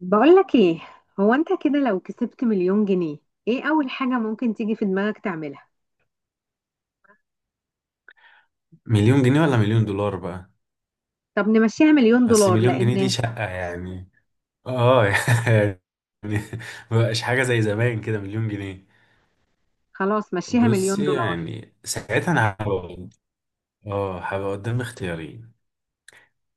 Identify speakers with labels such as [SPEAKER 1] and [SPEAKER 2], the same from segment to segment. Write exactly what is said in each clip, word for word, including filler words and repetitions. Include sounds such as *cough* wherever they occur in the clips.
[SPEAKER 1] بقولك ايه؟ هو انت كده لو كسبت مليون جنيه، ايه اول حاجة ممكن تيجي في دماغك تعملها؟
[SPEAKER 2] مليون جنيه ولا مليون دولار بقى؟
[SPEAKER 1] طب نمشيها مليون
[SPEAKER 2] بس
[SPEAKER 1] دولار
[SPEAKER 2] مليون جنيه دي
[SPEAKER 1] لان...
[SPEAKER 2] شقة يعني. اه، *laughs* يعني مبقاش حاجة زي زمان كده مليون جنيه.
[SPEAKER 1] خلاص مشيها مليون
[SPEAKER 2] بصي،
[SPEAKER 1] دولار.
[SPEAKER 2] يعني ساعتها انا هبقى، اه هبقى قدام اختيارين.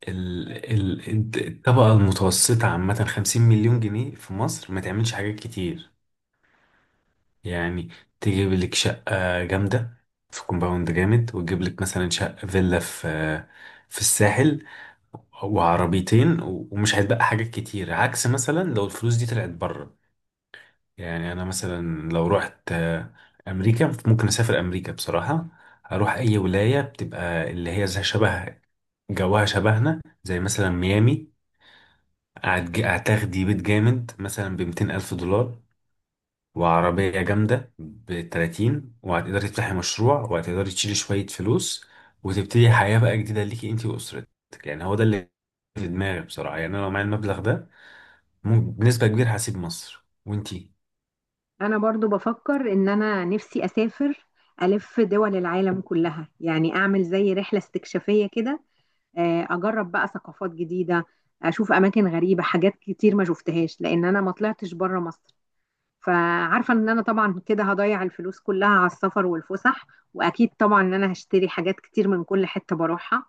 [SPEAKER 2] ال... ال... الت- الطبقة المتوسطة عامة خمسين مليون جنيه في مصر ما تعملش حاجات كتير. يعني تجيب لك شقة جامدة في كومباوند جامد، وتجيب لك مثلا شقة فيلا في في الساحل، وعربيتين و- ومش هيتبقى حاجات كتير، عكس مثلا لو الفلوس دي طلعت بره. يعني انا مثلا لو رحت آه، امريكا، ممكن اسافر امريكا بصراحة. اروح اي ولاية بتبقى اللي هي زي شبه جواها شبهنا زي مثلا ميامي. أعت- هتاخدي بيت جامد مثلا بمتين ألف دولار، وعربية جامدة بتلاتين، وهتقدري تفتحي مشروع، وهتقدري تشيلي شوية فلوس وتبتدي حياة بقى جديدة ليكي انتي وأسرتك. يعني هو ده اللي في دماغي بصراحة. يعني أنا لو معايا المبلغ ده، مم- بنسبة كبيرة هسيب مصر. وانتي؟
[SPEAKER 1] انا برضو بفكر ان انا نفسي اسافر الف دول العالم كلها، يعني اعمل زي رحلة استكشافية كده. آه، اجرب بقى ثقافات جديدة، اشوف اماكن غريبة، حاجات كتير ما شفتهاش لان انا ما طلعتش بره مصر. فعارفة ان انا طبعا كده هضيع الفلوس كلها على السفر والفسح، واكيد طبعا ان انا هشتري حاجات كتير من كل حتة بروحها.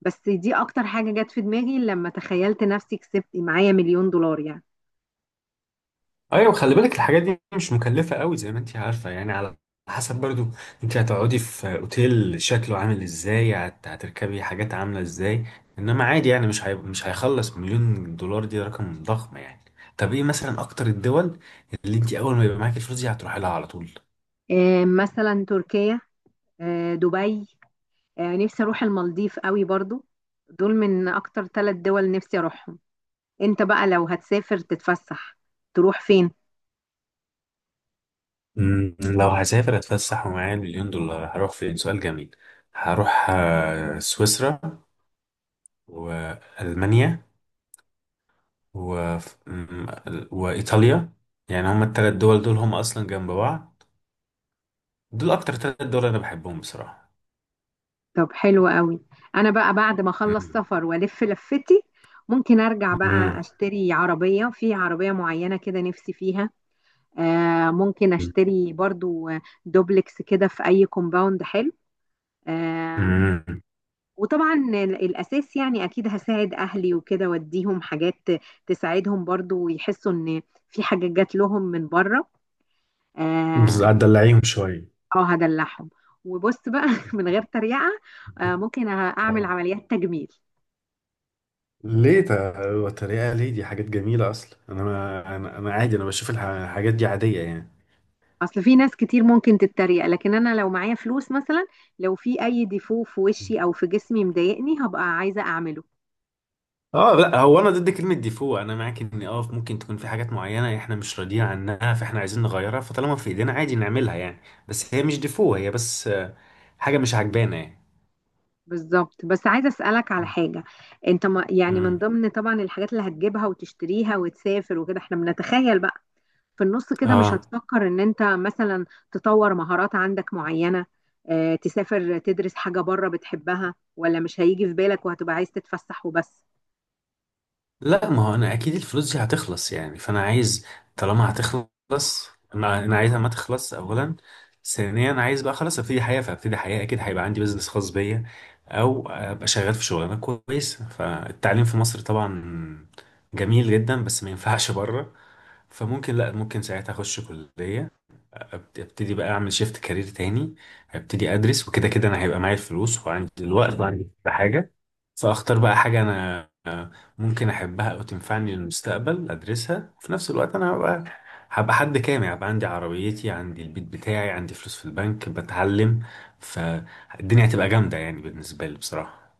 [SPEAKER 1] بس دي اكتر حاجة جت في دماغي لما تخيلت نفسي كسبت معايا مليون دولار يعني.
[SPEAKER 2] ايوه، خلي بالك الحاجات دي مش مكلفه قوي زي ما انت عارفه، يعني على حسب برضو، انت هتقعدي في اوتيل شكله عامل ازاي، هت- هتركبي حاجات عامله ازاي. انما عادي، يعني مش هي... مش هيخلص. مليون دولار دي رقم ضخم يعني. طب ايه مثلا اكتر الدول اللي انت اول ما يبقى معاكي الفلوس دي هتروحي لها على طول؟
[SPEAKER 1] آه، مثلا تركيا، آه، دبي، آه، نفسي اروح المالديف قوي برضو. دول من اكتر ثلاث دول نفسي اروحهم. انت بقى لو هتسافر تتفسح تروح فين؟
[SPEAKER 2] مم، لو هسافر اتفسح ومعايا المليون دولار هروح فين؟ سؤال جميل. هروح آه، سويسرا، والمانيا، و... م- وإيطاليا. يعني هما التلات دول، دول هما أصلا جنب بعض. دول أكتر تلات دول أنا بحبهم بصراحة.
[SPEAKER 1] طب حلو قوي. انا بقى بعد ما اخلص
[SPEAKER 2] مم.
[SPEAKER 1] سفر والف لفتي ممكن ارجع بقى
[SPEAKER 2] مم.
[SPEAKER 1] اشتري عربية، في عربية معينة كده نفسي فيها. آه ممكن اشتري برضو دوبلكس كده في اي كومباوند حلو. آه.
[SPEAKER 2] مم.
[SPEAKER 1] وطبعا ال- الاساس، يعني اكيد هساعد اهلي وكده واديهم حاجات تساعدهم برضو، ويحسوا ان في حاجة جات لهم من بره.
[SPEAKER 2] بس
[SPEAKER 1] اه.
[SPEAKER 2] هتدلعيهم شوية.
[SPEAKER 1] آه، هدلعهم. وبص بقى *laughs* من غير تريقة. آه ممكن اعمل
[SPEAKER 2] آه.
[SPEAKER 1] عمليات تجميل.
[SPEAKER 2] ليه ت- تريقة؟ ليه؟ دي حاجات جميلة أصلا. أنا، ما أنا، أنا عادي، أنا بشوف الح- الحاجات دي عادية يعني.
[SPEAKER 1] اصل في ناس كتير ممكن تتريق، لكن انا لو معايا فلوس مثلا، لو في اي ديفو في وشي او في جسمي مضايقني هبقى عايزه اعمله.
[SPEAKER 2] اه لا، هو انا ضد كلمه ديفو. انا معاك ان اه ممكن تكون في حاجات معينه احنا مش راضيين عنها، فاحنا عايزين نغيرها، فطالما في ايدينا عادي نعملها يعني. بس هي مش ديفو، هي بس حاجة مش عجبانة يعني.
[SPEAKER 1] بالظبط. بس عايزه اسالك على
[SPEAKER 2] مم.
[SPEAKER 1] حاجه. انت ما يعني، من
[SPEAKER 2] امم.
[SPEAKER 1] ضمن طبعا الحاجات اللي هتجيبها وتشتريها وتسافر وكده احنا بنتخيل بقى، في النص كده مش
[SPEAKER 2] اه
[SPEAKER 1] هتفكر ان انت مثلا تطور مهارات عندك معينه، اه تسافر تدرس حاجه بره بتحبها، ولا مش هيجي في بالك وهتبقى عايز تتفسح وبس؟
[SPEAKER 2] لا، ما هو انا اكيد الفلوس دي هتخلص يعني، فانا عايز. طالما هتخلص، انا انا عايزها ما تخلص اولا. ثانيا انا عايز بقى خلاص ابتدي حياه، فابتدي حياه اكيد هيبقى عندي بزنس خاص بيا، او ابقى شغال في شغلانه كويسه. فالتعليم في مصر طبعا جميل جدا، بس ما ينفعش بره. فممكن، لا ممكن ساعتها اخش كليه، أبت- ابتدي بقى اعمل شيفت كارير تاني. ابتدي ادرس، وكده كده انا هيبقى معايا الفلوس وعندي الوقت وعندي كل حاجه. فاختار بقى حاجة انا، آه، ممكن احبها او تنفعني للمستقبل ادرسها. وفي نفس الوقت انا هبقى هبقى حد كامل، هبقى عندي عربيتي، عندي البيت بتاعي، عندي فلوس في البنك، بتعلم. فالدنيا هتبقى جامدة يعني بالنسبة لي بصراحة.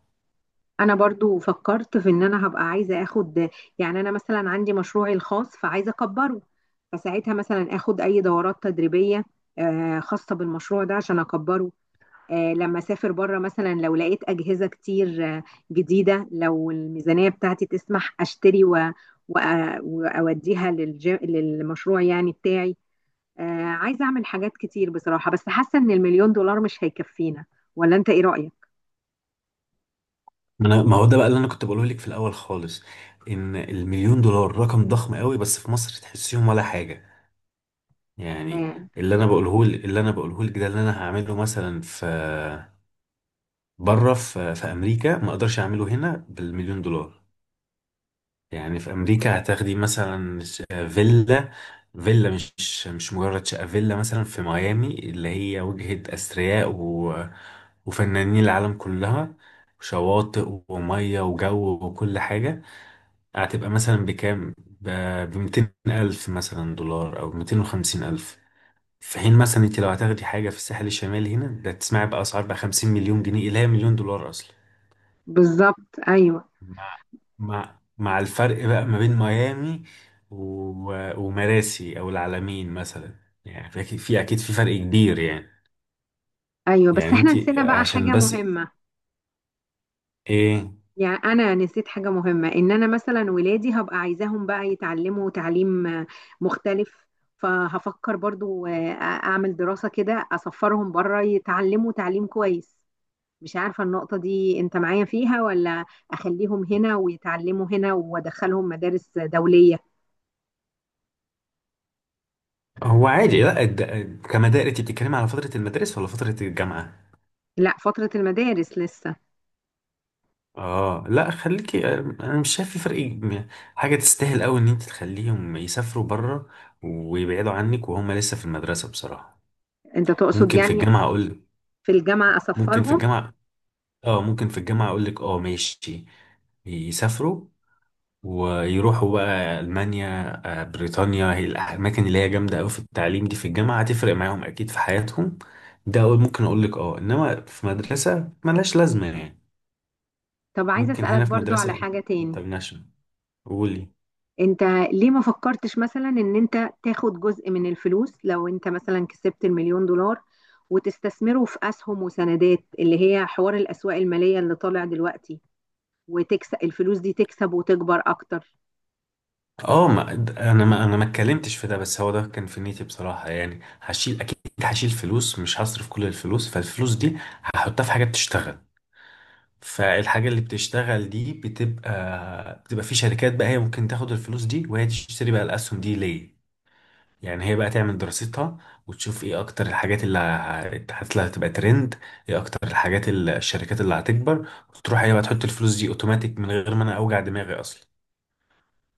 [SPEAKER 1] انا برضو فكرت في ان انا هبقى عايزه اخد، يعني انا مثلا عندي مشروعي الخاص فعايزه اكبره، فساعتها مثلا اخد اي دورات تدريبيه آه، خاصه بالمشروع ده عشان اكبره. آه، لما اسافر بره مثلا، لو لقيت اجهزه كتير آه، جديده، لو الميزانيه بتاعتي تسمح اشتري، و... و... واوديها للج... للمشروع يعني بتاعي. آه، عايزه اعمل حاجات كتير بصراحه، بس حاسه ان المليون دولار مش هيكفينا، ولا انت ايه رايك؟
[SPEAKER 2] ما انا، ما هو ده بقى اللي انا كنت بقوله لك في الاول خالص، ان المليون دولار رقم ضخم قوي، بس في مصر تحسيهم ولا حاجة يعني.
[SPEAKER 1] آه،
[SPEAKER 2] اللي انا بقوله اللي انا بقوله لك ده اللي انا هعمله مثلا في بره، في في امريكا ما اقدرش اعمله هنا بالمليون دولار. يعني في امريكا هتاخدي مثلا ش- فيلا، فيلا مش مش مجرد شقه. فيلا مثلا في ميامي اللي هي وجهه اثرياء و... وفنانين العالم كلها. شواطئ وميه وجو وكل حاجه، هتبقى مثلا بكام؟ ب ميتين الف مثلا دولار او ميتين وخمسين الف. في حين مثلا انت لو هتاخدي حاجه في الساحل الشمالي هنا، ده تسمعي بقى اسعار بقى خمسين مليون جنيه، اللي هي مليون دولار اصلا.
[SPEAKER 1] بالظبط ايوه.
[SPEAKER 2] مع مع مع الفرق بقى ما بين ميامي و... ومراسي او العلمين مثلا. يعني في أكيد- في اكيد في فرق كبير يعني.
[SPEAKER 1] ايوه بس
[SPEAKER 2] يعني
[SPEAKER 1] احنا
[SPEAKER 2] انت
[SPEAKER 1] نسينا بقى
[SPEAKER 2] عشان
[SPEAKER 1] حاجة
[SPEAKER 2] بس.
[SPEAKER 1] مهمة.
[SPEAKER 2] ايه؟
[SPEAKER 1] يعني انا نسيت حاجة مهمة، ان انا مثلا ولادي هبقى عايزاهم بقى يتعلموا تعليم آه، مختلف. فهفكر برضو آه، اعمل دراسة كده اسفرهم بره يتعلموا تعليم كويس. مش عارفة النقطة دي انت معايا فيها ولا اخليهم هنا ويتعلموا هنا وادخلهم مدارس دولية؟
[SPEAKER 2] هو عادي، لا الد... كمدارس، انت بتتكلمي على فترة المدارس ولا فترة الجامعة؟
[SPEAKER 1] لا، فترة المدارس لسه.
[SPEAKER 2] اه لا خليكي، انا مش شايف في فرق م- حاجة تستاهل قوي ان انت تخليهم يسافروا بره ويبعدوا عنك وهم لسه في المدرسة بصراحة.
[SPEAKER 1] انت تقصد
[SPEAKER 2] ممكن في
[SPEAKER 1] يعني
[SPEAKER 2] الجامعة اقول.
[SPEAKER 1] في الجامعة
[SPEAKER 2] ممكن في
[SPEAKER 1] اسفرهم؟
[SPEAKER 2] الجامعة، اه ممكن في الجامعة اقول لك اه ماشي. يسافروا ويروحوا بقى المانيا، آه، بريطانيا، هي الاماكن اللي هي جامده قوي في التعليم دي. في الجامعه هتفرق معاهم اكيد في حياتهم. ده أقول- ممكن اقول لك اه. انما في مدرسه ملهاش لازمه يعني.
[SPEAKER 1] طب عايزة
[SPEAKER 2] ممكن
[SPEAKER 1] اسألك
[SPEAKER 2] هنا في
[SPEAKER 1] برضو على
[SPEAKER 2] مدرسه
[SPEAKER 1] حاجة تاني.
[SPEAKER 2] انترناشونال. قولي.
[SPEAKER 1] انت ليه ما فكرتش مثلا ان انت تاخد جزء من الفلوس، لو انت مثلا كسبت المليون دولار، وتستثمره في اسهم وسندات، اللي هي حوار الاسواق المالية اللي طالع دلوقتي، وتكسب الفلوس دي تكسب وتكبر اكتر؟
[SPEAKER 2] اه، ما د- انا ما انا ما اتكلمتش في ده، بس هو ده كان في نيتي بصراحه. يعني هشيل اكيد، هشيل فلوس، مش هصرف كل الفلوس. فالفلوس دي هحطها في حاجه بتشتغل. فالحاجة اللي بتشتغل دي بتبقى بتبقى في شركات بقى، هي ممكن تاخد الفلوس دي وهي تشتري بقى الأسهم دي ليه. يعني هي بقى تعمل دراستها، وتشوف ايه اكتر الحاجات اللي هت- اللي هتبقى ترند، ايه اكتر الحاجات اللي الشركات اللي هتكبر. وتروح هي بقى تحط الفلوس دي اوتوماتيك، من غير ما انا اوجع دماغي اصلا.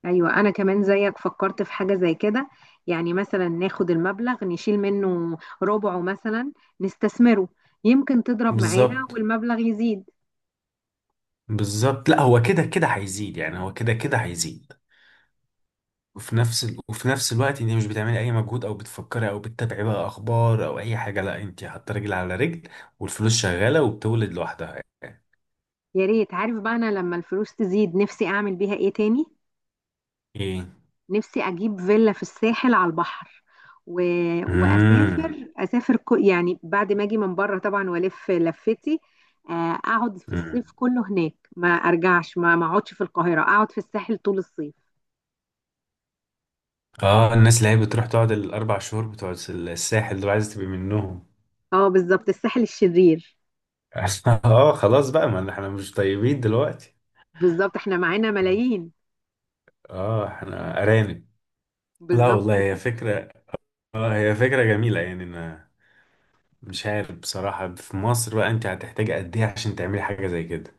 [SPEAKER 1] ايوه انا كمان زيك فكرت في حاجة زي كده. يعني مثلا ناخد المبلغ نشيل منه ربعه مثلا، نستثمره، يمكن تضرب معانا
[SPEAKER 2] بالظبط.
[SPEAKER 1] والمبلغ يزيد.
[SPEAKER 2] بالظبط، لا هو كده كده هيزيد يعني، هو كده كده هيزيد وفي نفس ال... وفي نفس الوقت انت مش بتعملي اي مجهود او بتفكري او بتتابعي بقى اخبار او اي حاجه. لا، انت حاطه رجل على رجل، والفلوس شغاله وبتولد لوحدها.
[SPEAKER 1] يا ريت. عارف بقى انا لما الفلوس تزيد نفسي اعمل بيها ايه تاني؟
[SPEAKER 2] ايه؟
[SPEAKER 1] نفسي اجيب فيلا في الساحل على البحر و...
[SPEAKER 2] امم.
[SPEAKER 1] واسافر اسافر ك... يعني بعد ما اجي من بره طبعا والف لفتي. آه، اقعد في الصيف
[SPEAKER 2] امم.
[SPEAKER 1] كله هناك، ما ارجعش، ما ما اقعدش في القاهره، اقعد في الساحل طول الصيف.
[SPEAKER 2] اه، الناس اللي هي بتروح تقعد الاربع شهور بتوع الساحل دول، عايزه تبقي منهم.
[SPEAKER 1] اه بالظبط، الساحل الشرير.
[SPEAKER 2] *laughs* اه خلاص بقى، ما احنا مش طيبين دلوقتي.
[SPEAKER 1] بالظبط احنا معانا ملايين.
[SPEAKER 2] اه احنا ارانب. لا
[SPEAKER 1] بالظبط
[SPEAKER 2] والله هي
[SPEAKER 1] كده.
[SPEAKER 2] فكرة، اه هي فكرة جميلة يعني. انا مش عارف بصراحة في مصر بقى انت هتحتاجي قد ايه عشان تعملي حاجة زي كده.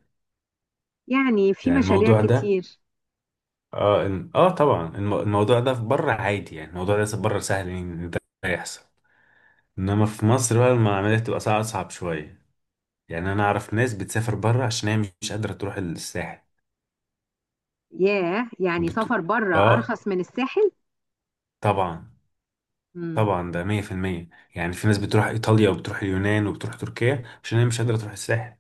[SPEAKER 1] يعني في
[SPEAKER 2] يعني
[SPEAKER 1] مشاريع
[SPEAKER 2] الموضوع ده،
[SPEAKER 1] كتير.
[SPEAKER 2] اه إن... اه طبعا الم... الموضوع ده في بره عادي يعني. الموضوع ده في بره سهل ان ده يحصل. انما في مصر بقى المعاملات تبقى صعب، اصعب شويه. يعني انا اعرف ناس بتسافر بره عشان هي مش قادره تروح الساحل.
[SPEAKER 1] ياه، يعني
[SPEAKER 2] بت...
[SPEAKER 1] سفر بره
[SPEAKER 2] اه
[SPEAKER 1] ارخص من الساحل.
[SPEAKER 2] طبعا.
[SPEAKER 1] مم.
[SPEAKER 2] طبعا ده مية في المية. يعني في ناس بتروح ايطاليا وبتروح اليونان وبتروح تركيا عشان هي مش قادره تروح الساحل.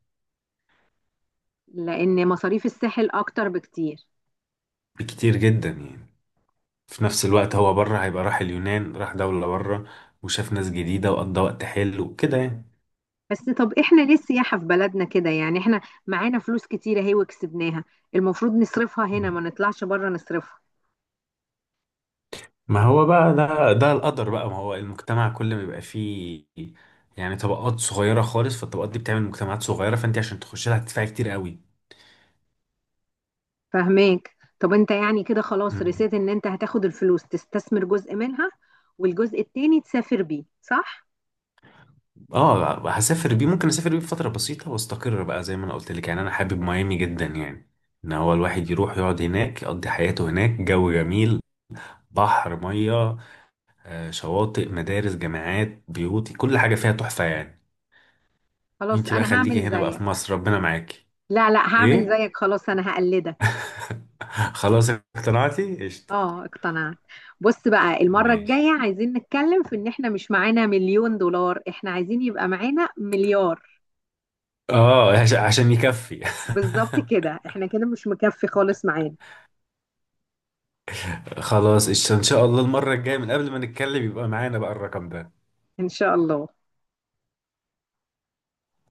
[SPEAKER 1] لان مصاريف الساحل اكتر بكتير.
[SPEAKER 2] بكتير جدا يعني. في نفس الوقت هو بره هيبقى راح اليونان، راح دوله بره، وشاف ناس جديده، وقضى وقت حلو وكده يعني.
[SPEAKER 1] بس طب احنا ليه السياحة في بلدنا كده، يعني احنا معانا فلوس كتيرة اهي وكسبناها، المفروض نصرفها هنا ما نطلعش بره نصرفها.
[SPEAKER 2] ما هو بقى ده ده القدر بقى. ما هو المجتمع كل ما بيبقى فيه يعني طبقات صغيرة خالص، فالطبقات دي بتعمل مجتمعات صغيرة، فانت عشان تخش لها هتدفعي كتير قوي.
[SPEAKER 1] فاهماك. طب انت يعني كده خلاص
[SPEAKER 2] مم.
[SPEAKER 1] رسيت ان انت هتاخد الفلوس تستثمر جزء منها، والجزء التاني تسافر بيه، صح؟
[SPEAKER 2] اه هسافر بيه، ممكن اسافر بيه فترة بسيطة واستقر بقى، زي ما انا قلت لك، يعني انا حابب ميامي جدا يعني. ان هو الواحد يروح يقعد هناك يقضي حياته هناك، جو جميل، بحر، مية، آه، شواطئ، مدارس، جامعات، بيوت، كل حاجة فيها تحفة يعني.
[SPEAKER 1] خلاص
[SPEAKER 2] انت بقى
[SPEAKER 1] انا هعمل
[SPEAKER 2] خليكي هنا بقى
[SPEAKER 1] زيك.
[SPEAKER 2] في مصر، ربنا معاكي.
[SPEAKER 1] لا لا، هعمل
[SPEAKER 2] ايه؟
[SPEAKER 1] زيك خلاص، انا هقلدك.
[SPEAKER 2] *laughs* خلاص اقتنعتي؟ قشطة.
[SPEAKER 1] اه اقتنعت. بص بقى المرة
[SPEAKER 2] ماشي.
[SPEAKER 1] الجاية عايزين نتكلم في ان احنا مش معانا مليون دولار، احنا عايزين يبقى معانا مليار.
[SPEAKER 2] اه عش- عشان يكفي.
[SPEAKER 1] بالظبط كده، احنا كده مش مكفي خالص معانا.
[SPEAKER 2] *laughs* خلاص قشطة. ان شاء الله المرة الجاية من قبل ما نتكلم يبقى معانا بقى الرقم ده.
[SPEAKER 1] إن شاء الله.